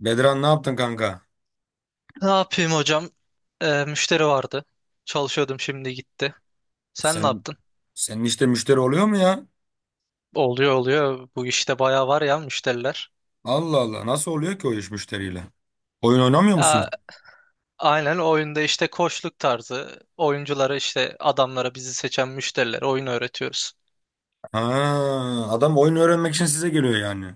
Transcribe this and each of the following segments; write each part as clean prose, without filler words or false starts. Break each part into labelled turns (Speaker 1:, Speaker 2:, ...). Speaker 1: Bedran ne yaptın kanka?
Speaker 2: Ne yapayım hocam? Müşteri vardı. Çalışıyordum, şimdi gitti. Sen ne
Speaker 1: Sen
Speaker 2: yaptın?
Speaker 1: senin işte müşteri oluyor mu ya?
Speaker 2: Oluyor oluyor. Bu işte bayağı var ya müşteriler.
Speaker 1: Allah Allah nasıl oluyor ki o iş müşteriyle? Oyun oynamıyor
Speaker 2: Aa,
Speaker 1: musun?
Speaker 2: aynen, oyunda işte koçluk tarzı. Oyunculara işte adamlara bizi seçen müşterilere oyun öğretiyoruz.
Speaker 1: Ha, adam oyun öğrenmek için size geliyor yani.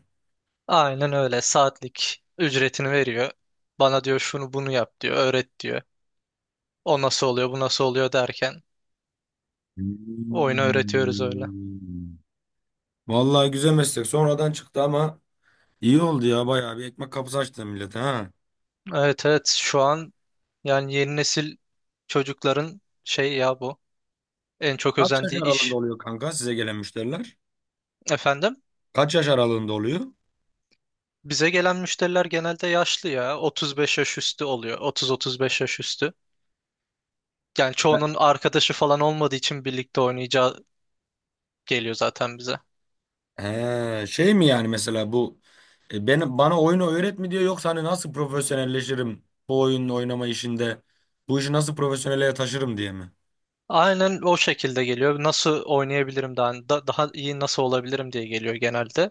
Speaker 2: Aynen öyle. Saatlik ücretini veriyor. Bana diyor şunu bunu yap diyor. Öğret diyor. O nasıl oluyor bu nasıl oluyor derken oyunu öğretiyoruz öyle.
Speaker 1: Hmm. Vallahi güzel meslek. Sonradan çıktı ama iyi oldu ya. Bayağı bir ekmek kapısı açtı millete ha.
Speaker 2: Evet evet, şu an yani yeni nesil çocukların şey ya bu. En çok
Speaker 1: Kaç yaş
Speaker 2: özendiği
Speaker 1: aralığında
Speaker 2: iş
Speaker 1: oluyor kanka size gelen müşteriler?
Speaker 2: efendim.
Speaker 1: Kaç yaş aralığında oluyor?
Speaker 2: Bize gelen müşteriler genelde yaşlı ya. 35 yaş üstü oluyor. 30-35 yaş üstü. Yani çoğunun arkadaşı falan olmadığı için birlikte oynayacağı geliyor zaten bize.
Speaker 1: He, şey mi yani mesela bu bana oyunu öğret mi diyor yoksa hani nasıl profesyonelleşirim bu oyunun oynama işinde bu işi nasıl profesyonele taşırım diye mi?
Speaker 2: Aynen o şekilde geliyor. Nasıl oynayabilirim daha, daha iyi nasıl olabilirim diye geliyor genelde.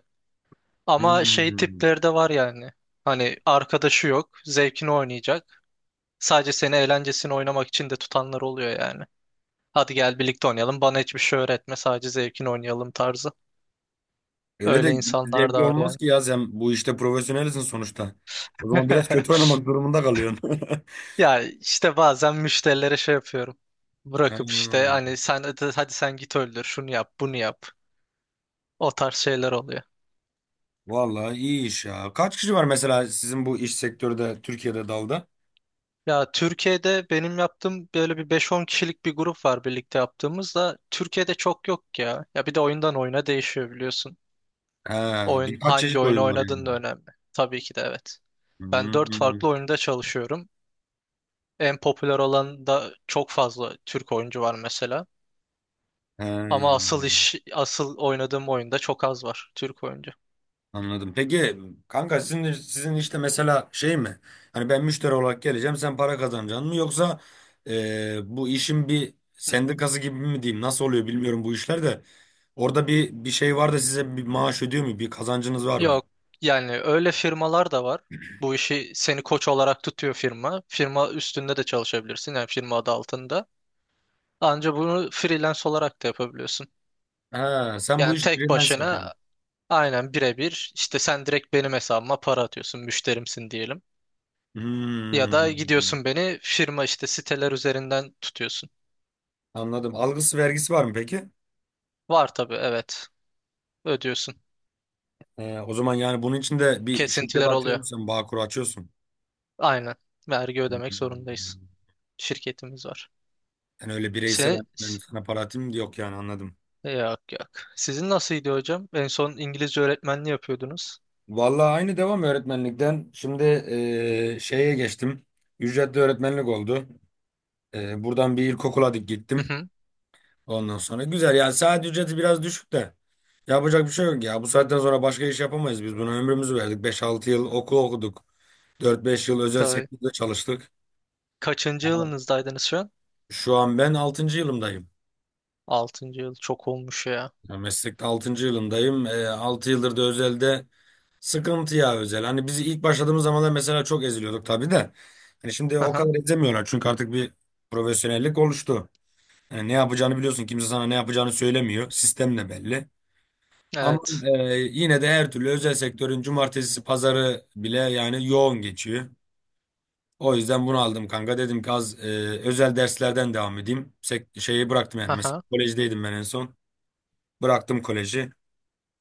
Speaker 2: Ama şey
Speaker 1: Hmm.
Speaker 2: tipleri de var yani. Hani arkadaşı yok, zevkini oynayacak. Sadece seni eğlencesini oynamak için de tutanlar oluyor yani. Hadi gel birlikte oynayalım. Bana hiçbir şey öğretme, sadece zevkini oynayalım tarzı.
Speaker 1: Öyle de
Speaker 2: Öyle
Speaker 1: hiç
Speaker 2: insanlar da
Speaker 1: zevkli
Speaker 2: var
Speaker 1: olmaz
Speaker 2: yani.
Speaker 1: ki ya sen bu işte profesyonelsin sonuçta. O zaman biraz kötü oynamak durumunda kalıyorsun.
Speaker 2: Ya işte bazen müşterilere şey yapıyorum. Bırakıp işte
Speaker 1: Hmm.
Speaker 2: hani sen hadi hadi sen git öldür şunu yap bunu yap. O tarz şeyler oluyor.
Speaker 1: Vallahi iyi iş ya. Kaç kişi var mesela sizin bu iş sektörde Türkiye'de dalda?
Speaker 2: Ya Türkiye'de benim yaptığım böyle bir beş-on kişilik bir grup var birlikte yaptığımız da, Türkiye'de çok yok ya. Ya bir de oyundan oyuna değişiyor biliyorsun.
Speaker 1: He,
Speaker 2: Oyun,
Speaker 1: birkaç
Speaker 2: hangi
Speaker 1: çeşit
Speaker 2: oyunu
Speaker 1: oyun var yani.
Speaker 2: oynadığın da önemli. Tabii ki de, evet. Ben 4
Speaker 1: Hmm.
Speaker 2: farklı oyunda çalışıyorum. En popüler olan da çok fazla Türk oyuncu var mesela.
Speaker 1: He.
Speaker 2: Ama asıl iş, asıl oynadığım oyunda çok az var Türk oyuncu.
Speaker 1: Anladım. Peki kanka sizin işte mesela şey mi? Hani ben müşteri olarak geleceğim, sen para kazanacaksın mı? Yoksa bu işin bir
Speaker 2: Hı hı.
Speaker 1: sendikası gibi mi diyeyim? Nasıl oluyor bilmiyorum bu işler de. Orada bir şey var da size bir maaş ödüyor mu? Bir kazancınız var mı?
Speaker 2: Yok, yani öyle firmalar da var. Bu işi seni koç olarak tutuyor firma. Firma üstünde de çalışabilirsin yani, firma adı altında. Ancak bunu freelance olarak da yapabiliyorsun.
Speaker 1: Ha, sen bu
Speaker 2: Yani
Speaker 1: iş
Speaker 2: tek
Speaker 1: freelance yapıyorsun.
Speaker 2: başına, aynen birebir işte, sen direkt benim hesabıma para atıyorsun müşterimsin diyelim. Ya da
Speaker 1: Hmm,
Speaker 2: gidiyorsun beni firma işte siteler üzerinden tutuyorsun.
Speaker 1: anladım. Algısı vergisi var mı peki?
Speaker 2: Var tabii, evet, ödüyorsun.
Speaker 1: O zaman yani bunun için de bir şirket
Speaker 2: Kesintiler oluyor.
Speaker 1: açıyorsun, sen Bağkur açıyorsun.
Speaker 2: Aynen, vergi ödemek
Speaker 1: Hmm.
Speaker 2: zorundayız. Şirketimiz var.
Speaker 1: Yani öyle bireysel
Speaker 2: Se
Speaker 1: hani ben sana para atayım yok yani anladım.
Speaker 2: Yok yok. Sizin nasılydı hocam? En son İngilizce öğretmenliği yapıyordunuz.
Speaker 1: Vallahi aynı devam öğretmenlikten. Şimdi şeye geçtim. Ücretli öğretmenlik oldu. Buradan bir ilkokula dik
Speaker 2: Hı
Speaker 1: gittim.
Speaker 2: hı.
Speaker 1: Ondan sonra güzel ya saat ücreti biraz düşük de. Yapacak bir şey yok ya. Bu saatten sonra başka iş yapamayız biz. Buna ömrümüzü verdik. 5-6 yıl okul okuduk. 4-5 yıl özel
Speaker 2: Tabii.
Speaker 1: sektörde çalıştık.
Speaker 2: Kaçıncı yılınızdaydınız şu an?
Speaker 1: Şu an ben altıncı yılımdayım.
Speaker 2: Altıncı yıl. Çok olmuş ya.
Speaker 1: Ya meslekte altıncı yılımdayım. 6 yıldır da özelde. Sıkıntı ya özel. Hani biz ilk başladığımız zamanlar mesela çok eziliyorduk tabii de. Hani şimdi
Speaker 2: Hı
Speaker 1: o
Speaker 2: hı.
Speaker 1: kadar ezemiyorlar çünkü artık bir profesyonellik oluştu. Yani ne yapacağını biliyorsun. Kimse sana ne yapacağını söylemiyor. Sistem de belli. Ama
Speaker 2: Evet.
Speaker 1: yine de her türlü özel sektörün cumartesi pazarı bile yani yoğun geçiyor. O yüzden bunu aldım kanka. Dedim ki az özel derslerden devam edeyim. Şeyi bıraktım yani.
Speaker 2: Hı
Speaker 1: Mesela
Speaker 2: hı.
Speaker 1: kolejdeydim ben en son. Bıraktım koleji.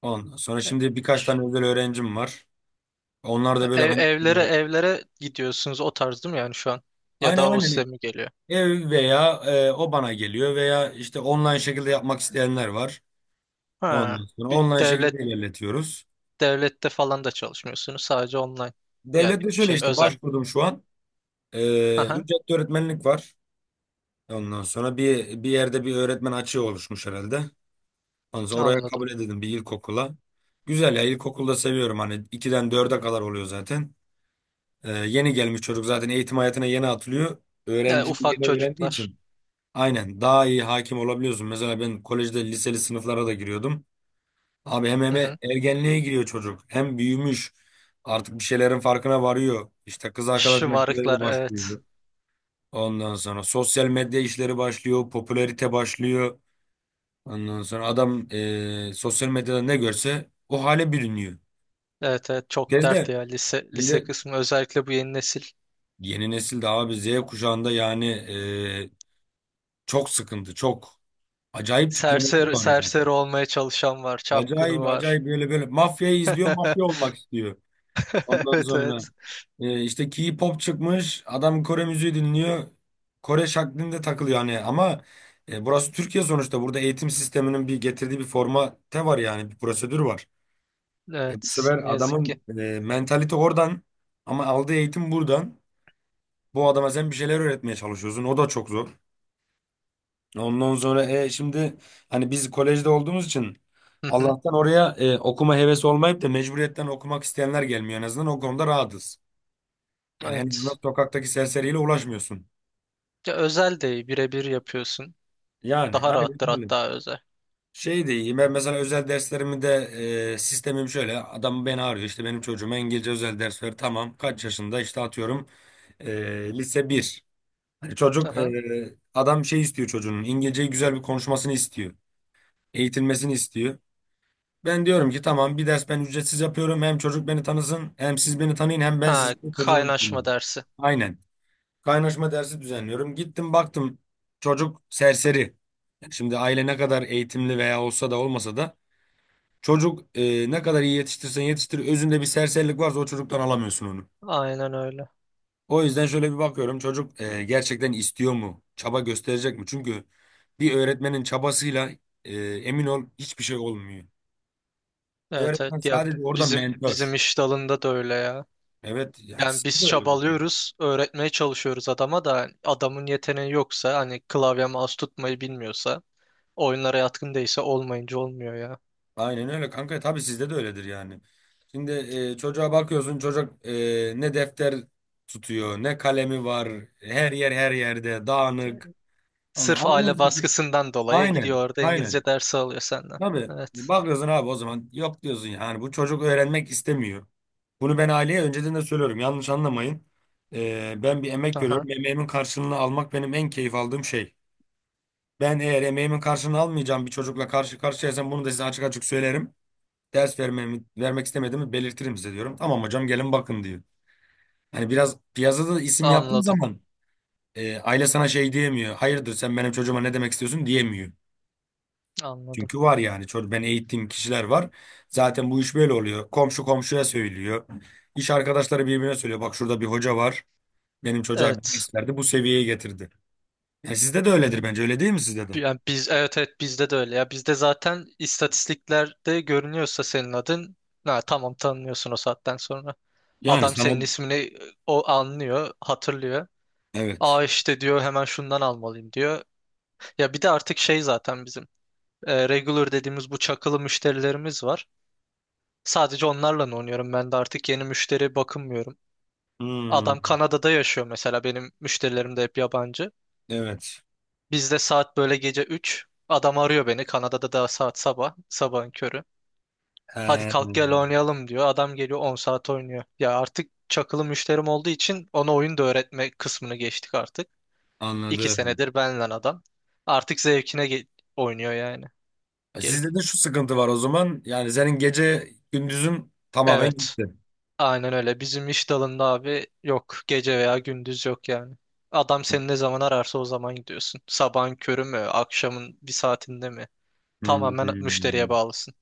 Speaker 1: Ondan sonra
Speaker 2: E-
Speaker 1: şimdi birkaç tane özel öğrencim var. Onlar da böyle hani
Speaker 2: Evlere
Speaker 1: e,
Speaker 2: evlere gidiyorsunuz o tarz değil mi yani şu an? Ya
Speaker 1: aynen
Speaker 2: da o size
Speaker 1: aynen.
Speaker 2: mi geliyor?
Speaker 1: Ev veya o bana geliyor veya işte online şekilde yapmak isteyenler var.
Speaker 2: Ha.
Speaker 1: Ondan sonra
Speaker 2: Bir
Speaker 1: online
Speaker 2: Devlet
Speaker 1: şekilde ilerletiyoruz.
Speaker 2: Devlette falan da çalışmıyorsunuz. Sadece online. Yani
Speaker 1: Devlette şöyle
Speaker 2: şey,
Speaker 1: işte
Speaker 2: özel.
Speaker 1: başvurdum şu an.
Speaker 2: Hı
Speaker 1: E,
Speaker 2: hı.
Speaker 1: Ücretli öğretmenlik var. Ondan sonra bir yerde bir öğretmen açığı oluşmuş herhalde. Ondan sonra oraya
Speaker 2: Anladım.
Speaker 1: kabul edildim bir ilkokula. Güzel ya ilkokulda seviyorum hani 2'den dörde kadar oluyor zaten. Yeni gelmiş çocuk zaten eğitim hayatına yeni atılıyor.
Speaker 2: Yani
Speaker 1: Öğrenci
Speaker 2: ufak
Speaker 1: yeni öğrendiği
Speaker 2: çocuklar.
Speaker 1: için. Aynen daha iyi hakim olabiliyorsun. Mesela ben kolejde liseli sınıflara da giriyordum. Abi hem
Speaker 2: Hı
Speaker 1: hem
Speaker 2: hı.
Speaker 1: ergenliğe giriyor çocuk. Hem büyümüş. Artık bir şeylerin farkına varıyor. İşte kız arkadaş
Speaker 2: Şımarıklar,
Speaker 1: meseleleri
Speaker 2: evet.
Speaker 1: başlıyor. Ondan sonra sosyal medya işleri başlıyor. Popülarite başlıyor. Ondan sonra adam sosyal medyada ne görse o hale bürünüyor.
Speaker 2: Evet evet, çok dert
Speaker 1: Gezde
Speaker 2: ya lise lise
Speaker 1: şimdi
Speaker 2: kısmı özellikle bu yeni nesil.
Speaker 1: yeni nesilde de abi Z kuşağında yani çok sıkıntı. Çok acayip tiplemeler
Speaker 2: Serseri,
Speaker 1: var yani.
Speaker 2: serseri olmaya çalışan var, çapkını
Speaker 1: Acayip
Speaker 2: var.
Speaker 1: acayip böyle böyle mafyayı izliyor mafya olmak istiyor. Ondan
Speaker 2: Evet
Speaker 1: sonra
Speaker 2: evet.
Speaker 1: İşte K-pop çıkmış. Adam Kore müziği dinliyor. Kore şaklinde takılıyor hani ama burası Türkiye sonuçta. Burada eğitim sisteminin bir getirdiği bir formate var yani bir prosedür var. Bu
Speaker 2: Evet, ne
Speaker 1: sefer
Speaker 2: yazık ki.
Speaker 1: adamın mentalite oradan ama aldığı eğitim buradan. Bu adama sen bir şeyler öğretmeye çalışıyorsun. O da çok zor. Ondan sonra şimdi hani biz kolejde olduğumuz için
Speaker 2: Hı hı.
Speaker 1: Allah'tan oraya okuma hevesi olmayıp da mecburiyetten okumak isteyenler gelmiyor. En azından o konuda rahatız. Yani en azından
Speaker 2: Evet.
Speaker 1: sokaktaki serseriyle uğraşmıyorsun.
Speaker 2: Ya, özel değil birebir yapıyorsun.
Speaker 1: Yani
Speaker 2: Daha
Speaker 1: aynen
Speaker 2: rahattır
Speaker 1: öyle.
Speaker 2: hatta özel.
Speaker 1: Şey de iyi. Ben mesela özel derslerimi de sistemim şöyle. Adam beni arıyor. İşte benim çocuğuma İngilizce özel ders ver. Tamam. Kaç yaşında? İşte atıyorum lise bir. Hani çocuk
Speaker 2: Aha.
Speaker 1: adam şey istiyor çocuğunun. İngilizceyi güzel bir konuşmasını istiyor. Eğitilmesini istiyor. Ben diyorum ki tamam bir ders ben ücretsiz yapıyorum. Hem çocuk beni tanısın hem siz beni tanıyın hem ben
Speaker 2: Ha,
Speaker 1: sizin çocuğunu
Speaker 2: kaynaşma
Speaker 1: tanıyayım.
Speaker 2: dersi.
Speaker 1: Aynen. Kaynaşma dersi düzenliyorum. Gittim baktım çocuk serseri. Yani şimdi aile ne kadar eğitimli veya olsa da olmasa da çocuk ne kadar iyi yetiştirsen yetiştir özünde bir serserilik varsa o çocuktan alamıyorsun onu.
Speaker 2: Aynen öyle.
Speaker 1: O yüzden şöyle bir bakıyorum çocuk gerçekten istiyor mu? Çaba gösterecek mi? Çünkü bir öğretmenin çabasıyla emin ol hiçbir şey olmuyor.
Speaker 2: Evet
Speaker 1: Öğretmen
Speaker 2: evet, ya
Speaker 1: sadece orada
Speaker 2: bizim
Speaker 1: mentor.
Speaker 2: bizim iş dalında da öyle ya.
Speaker 1: Evet yani
Speaker 2: Yani
Speaker 1: siz de
Speaker 2: biz
Speaker 1: öyle.
Speaker 2: çabalıyoruz, öğretmeye çalışıyoruz adama da, hani adamın yeteneği yoksa, hani klavye mouse tutmayı bilmiyorsa, oyunlara yatkın değilse, olmayınca olmuyor ya.
Speaker 1: Aynen öyle kanka. Tabii sizde de öyledir yani. Şimdi çocuğa bakıyorsun çocuk ne defter tutuyor ne kalemi var. Her yer her yerde dağınık.
Speaker 2: Yani sırf aile
Speaker 1: Anlıyorsun.
Speaker 2: baskısından dolayı
Speaker 1: Aynen.
Speaker 2: gidiyor orada
Speaker 1: Aynen.
Speaker 2: İngilizce dersi alıyor senden.
Speaker 1: Tabii.
Speaker 2: Evet.
Speaker 1: Bakıyorsun abi o zaman yok diyorsun yani bu çocuk öğrenmek istemiyor. Bunu ben aileye önceden de söylüyorum. Yanlış anlamayın. Ben bir emek
Speaker 2: Aha.
Speaker 1: veriyorum. Emeğimin karşılığını almak benim en keyif aldığım şey. Ben eğer emeğimin karşılığını almayacağım bir çocukla karşı karşıyaysam bunu da size açık açık söylerim ders vermemi, vermek istemediğimi belirtirim size diyorum. Tamam hocam gelin bakın diyor. Hani biraz piyasada da isim yaptığın
Speaker 2: Anladım.
Speaker 1: zaman aile sana şey diyemiyor. Hayırdır sen benim çocuğuma ne demek istiyorsun diyemiyor.
Speaker 2: Anladım.
Speaker 1: Çünkü var yani çocuk ben eğittiğim kişiler var. Zaten bu iş böyle oluyor. Komşu komşuya söylüyor. İş arkadaşları birbirine söylüyor. Bak şurada bir hoca var. Benim çocuğa bir
Speaker 2: Evet.
Speaker 1: ders verdi bu seviyeye getirdi. Yani sizde de öyledir bence öyle değil mi sizde de?
Speaker 2: Yani biz evet evet, bizde de öyle ya. Bizde zaten istatistiklerde görünüyorsa senin adın, ha, tamam, tanınıyorsun o saatten sonra.
Speaker 1: Yani
Speaker 2: Adam
Speaker 1: sana
Speaker 2: senin ismini o anlıyor, hatırlıyor.
Speaker 1: evet.
Speaker 2: Aa, işte diyor, hemen şundan almalıyım diyor. Ya bir de artık şey zaten bizim, regular dediğimiz bu çakılı müşterilerimiz var. Sadece onlarla oynuyorum, ben de artık yeni müşteri bakınmıyorum.
Speaker 1: Hmm,
Speaker 2: Adam Kanada'da yaşıyor mesela, benim müşterilerim de hep yabancı.
Speaker 1: evet.
Speaker 2: Bizde saat böyle gece üç, adam arıyor beni, Kanada'da da saat sabah, sabahın körü. Hadi kalk gel
Speaker 1: He,
Speaker 2: oynayalım diyor. Adam geliyor 10 saat oynuyor. Ya artık çakılı müşterim olduğu için ona oyun da öğretme kısmını geçtik artık. 2
Speaker 1: anladım.
Speaker 2: senedir benle adam. Artık zevkine oynuyor yani. Gelip.
Speaker 1: Sizde de şu sıkıntı var o zaman. Yani senin gece gündüzün tamamen
Speaker 2: Evet.
Speaker 1: gitti.
Speaker 2: Aynen öyle. Bizim iş dalında abi yok. Gece veya gündüz yok yani. Adam seni ne zaman ararsa o zaman gidiyorsun. Sabahın körü mü, akşamın bir saatinde mi? Tamamen
Speaker 1: Hmm.
Speaker 2: müşteriye bağlısın.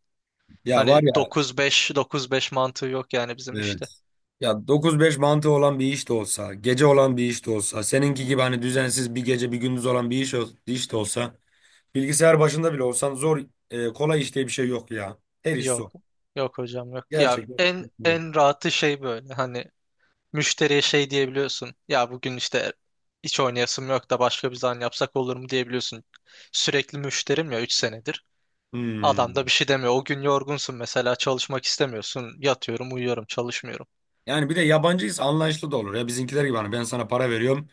Speaker 1: Ya var
Speaker 2: Hani
Speaker 1: ya
Speaker 2: 9-5, 9-5 mantığı yok yani bizim
Speaker 1: evet.
Speaker 2: işte.
Speaker 1: Ya 9-5 mantığı olan bir iş de olsa, gece olan bir iş de olsa, seninki gibi hani düzensiz bir gece bir gündüz olan bir iş, iş de olsa, bilgisayar başında bile olsan zor, kolay iş diye bir şey yok ya. Her iş
Speaker 2: Yok.
Speaker 1: zor.
Speaker 2: Yok hocam yok. Ya
Speaker 1: Gerçekten.
Speaker 2: en en rahatı şey böyle. Hani müşteriye şey diyebiliyorsun. Ya bugün işte hiç oynayasım yok da başka bir zaman yapsak olur mu diyebiliyorsun. Sürekli müşterim ya, 3 senedir. Adam da
Speaker 1: Hmm.
Speaker 2: bir şey demiyor. O gün yorgunsun mesela, çalışmak istemiyorsun. Yatıyorum, uyuyorum, çalışmıyorum.
Speaker 1: Yani bir de yabancıyız anlayışlı da olur. Ya bizimkiler gibi hani ben sana para veriyorum.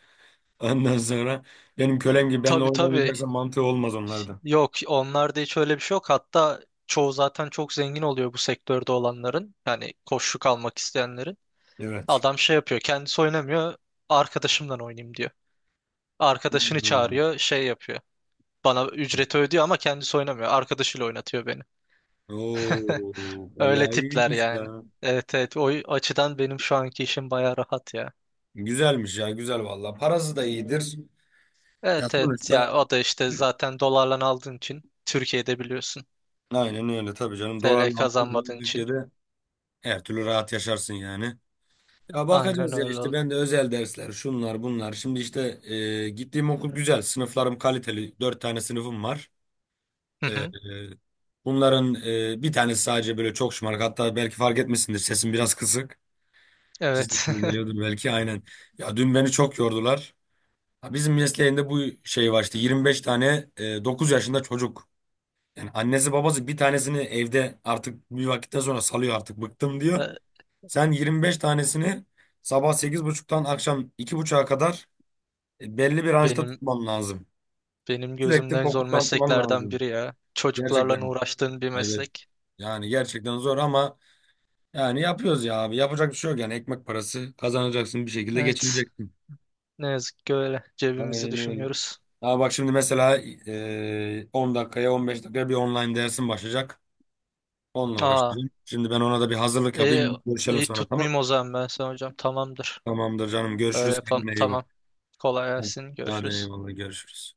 Speaker 1: Ondan sonra benim kölem gibi benimle
Speaker 2: Tabii
Speaker 1: oyun
Speaker 2: tabii.
Speaker 1: oynayacaksan mantığı olmaz onlarda.
Speaker 2: Yok, onlarda hiç öyle bir şey yok. Hatta çoğu zaten çok zengin oluyor bu sektörde olanların. Yani koçluk almak isteyenlerin.
Speaker 1: Evet.
Speaker 2: Adam şey yapıyor, kendisi oynamıyor. Arkadaşımdan oynayayım diyor. Arkadaşını
Speaker 1: Hmm.
Speaker 2: çağırıyor. Şey yapıyor. Bana ücreti ödüyor ama kendisi oynamıyor. Arkadaşıyla oynatıyor beni.
Speaker 1: Oo,
Speaker 2: Öyle
Speaker 1: vallahi
Speaker 2: tipler
Speaker 1: iyiymiş
Speaker 2: yani.
Speaker 1: ya.
Speaker 2: Evet evet. O açıdan benim şu anki işim baya rahat ya.
Speaker 1: Güzelmiş ya, güzel vallahi. Parası da iyidir. Ya
Speaker 2: Evet evet, ya
Speaker 1: sonuçta
Speaker 2: o da işte zaten dolarla aldığın için Türkiye'de biliyorsun.
Speaker 1: aynen öyle tabii canım.
Speaker 2: TL
Speaker 1: Dolarla aldığın zaman
Speaker 2: kazanmadığın için.
Speaker 1: Türkiye'de her türlü rahat yaşarsın yani. Ya
Speaker 2: Aynen
Speaker 1: bakacağız ya
Speaker 2: öyle
Speaker 1: işte
Speaker 2: oldu.
Speaker 1: ben de özel dersler şunlar bunlar. Şimdi işte gittiğim okul güzel. Sınıflarım kaliteli. Dört tane sınıfım var.
Speaker 2: Hı
Speaker 1: E, e,
Speaker 2: hı.
Speaker 1: Bunların bir tanesi sadece böyle çok şımarık. Hatta belki fark etmişsindir sesim biraz kısık.
Speaker 2: Evet.
Speaker 1: Kesinlikle geliyordur belki aynen. Ya dün beni çok yordular. Ha, bizim mesleğinde bu şey var işte 25 tane 9 yaşında çocuk. Yani annesi babası bir tanesini evde artık bir vakitten sonra salıyor artık bıktım diyor.
Speaker 2: Ya
Speaker 1: Sen 25 tanesini sabah 8.30'dan akşam 2.30'a kadar belli bir ranjda
Speaker 2: Benim
Speaker 1: tutman lazım.
Speaker 2: benim
Speaker 1: Sürekli
Speaker 2: gözümden zor
Speaker 1: fokuslanman
Speaker 2: mesleklerden
Speaker 1: lazım.
Speaker 2: biri ya. Çocuklarla
Speaker 1: Gerçekten
Speaker 2: uğraştığın bir
Speaker 1: evet.
Speaker 2: meslek.
Speaker 1: Yani gerçekten zor ama yani yapıyoruz ya abi. Yapacak bir şey yok yani ekmek parası kazanacaksın bir şekilde
Speaker 2: Evet.
Speaker 1: geçineceksin.
Speaker 2: Ne yazık ki öyle. Cebimizi
Speaker 1: Aynen öyle.
Speaker 2: düşünüyoruz.
Speaker 1: Ama bak şimdi mesela 10 dakikaya 15 dakikaya bir online dersim başlayacak. Onunla
Speaker 2: Aa,
Speaker 1: uğraşacağım. Şimdi ben ona da bir hazırlık
Speaker 2: iyi,
Speaker 1: yapayım. Görüşelim
Speaker 2: iyi
Speaker 1: sonra tamam mı?
Speaker 2: tutmayayım o zaman ben sana hocam. Tamamdır.
Speaker 1: Tamamdır canım.
Speaker 2: Öyle
Speaker 1: Görüşürüz.
Speaker 2: yapalım.
Speaker 1: Kendine iyi bak.
Speaker 2: Tamam. Kolay gelsin.
Speaker 1: Hadi
Speaker 2: Görüşürüz.
Speaker 1: eyvallah görüşürüz.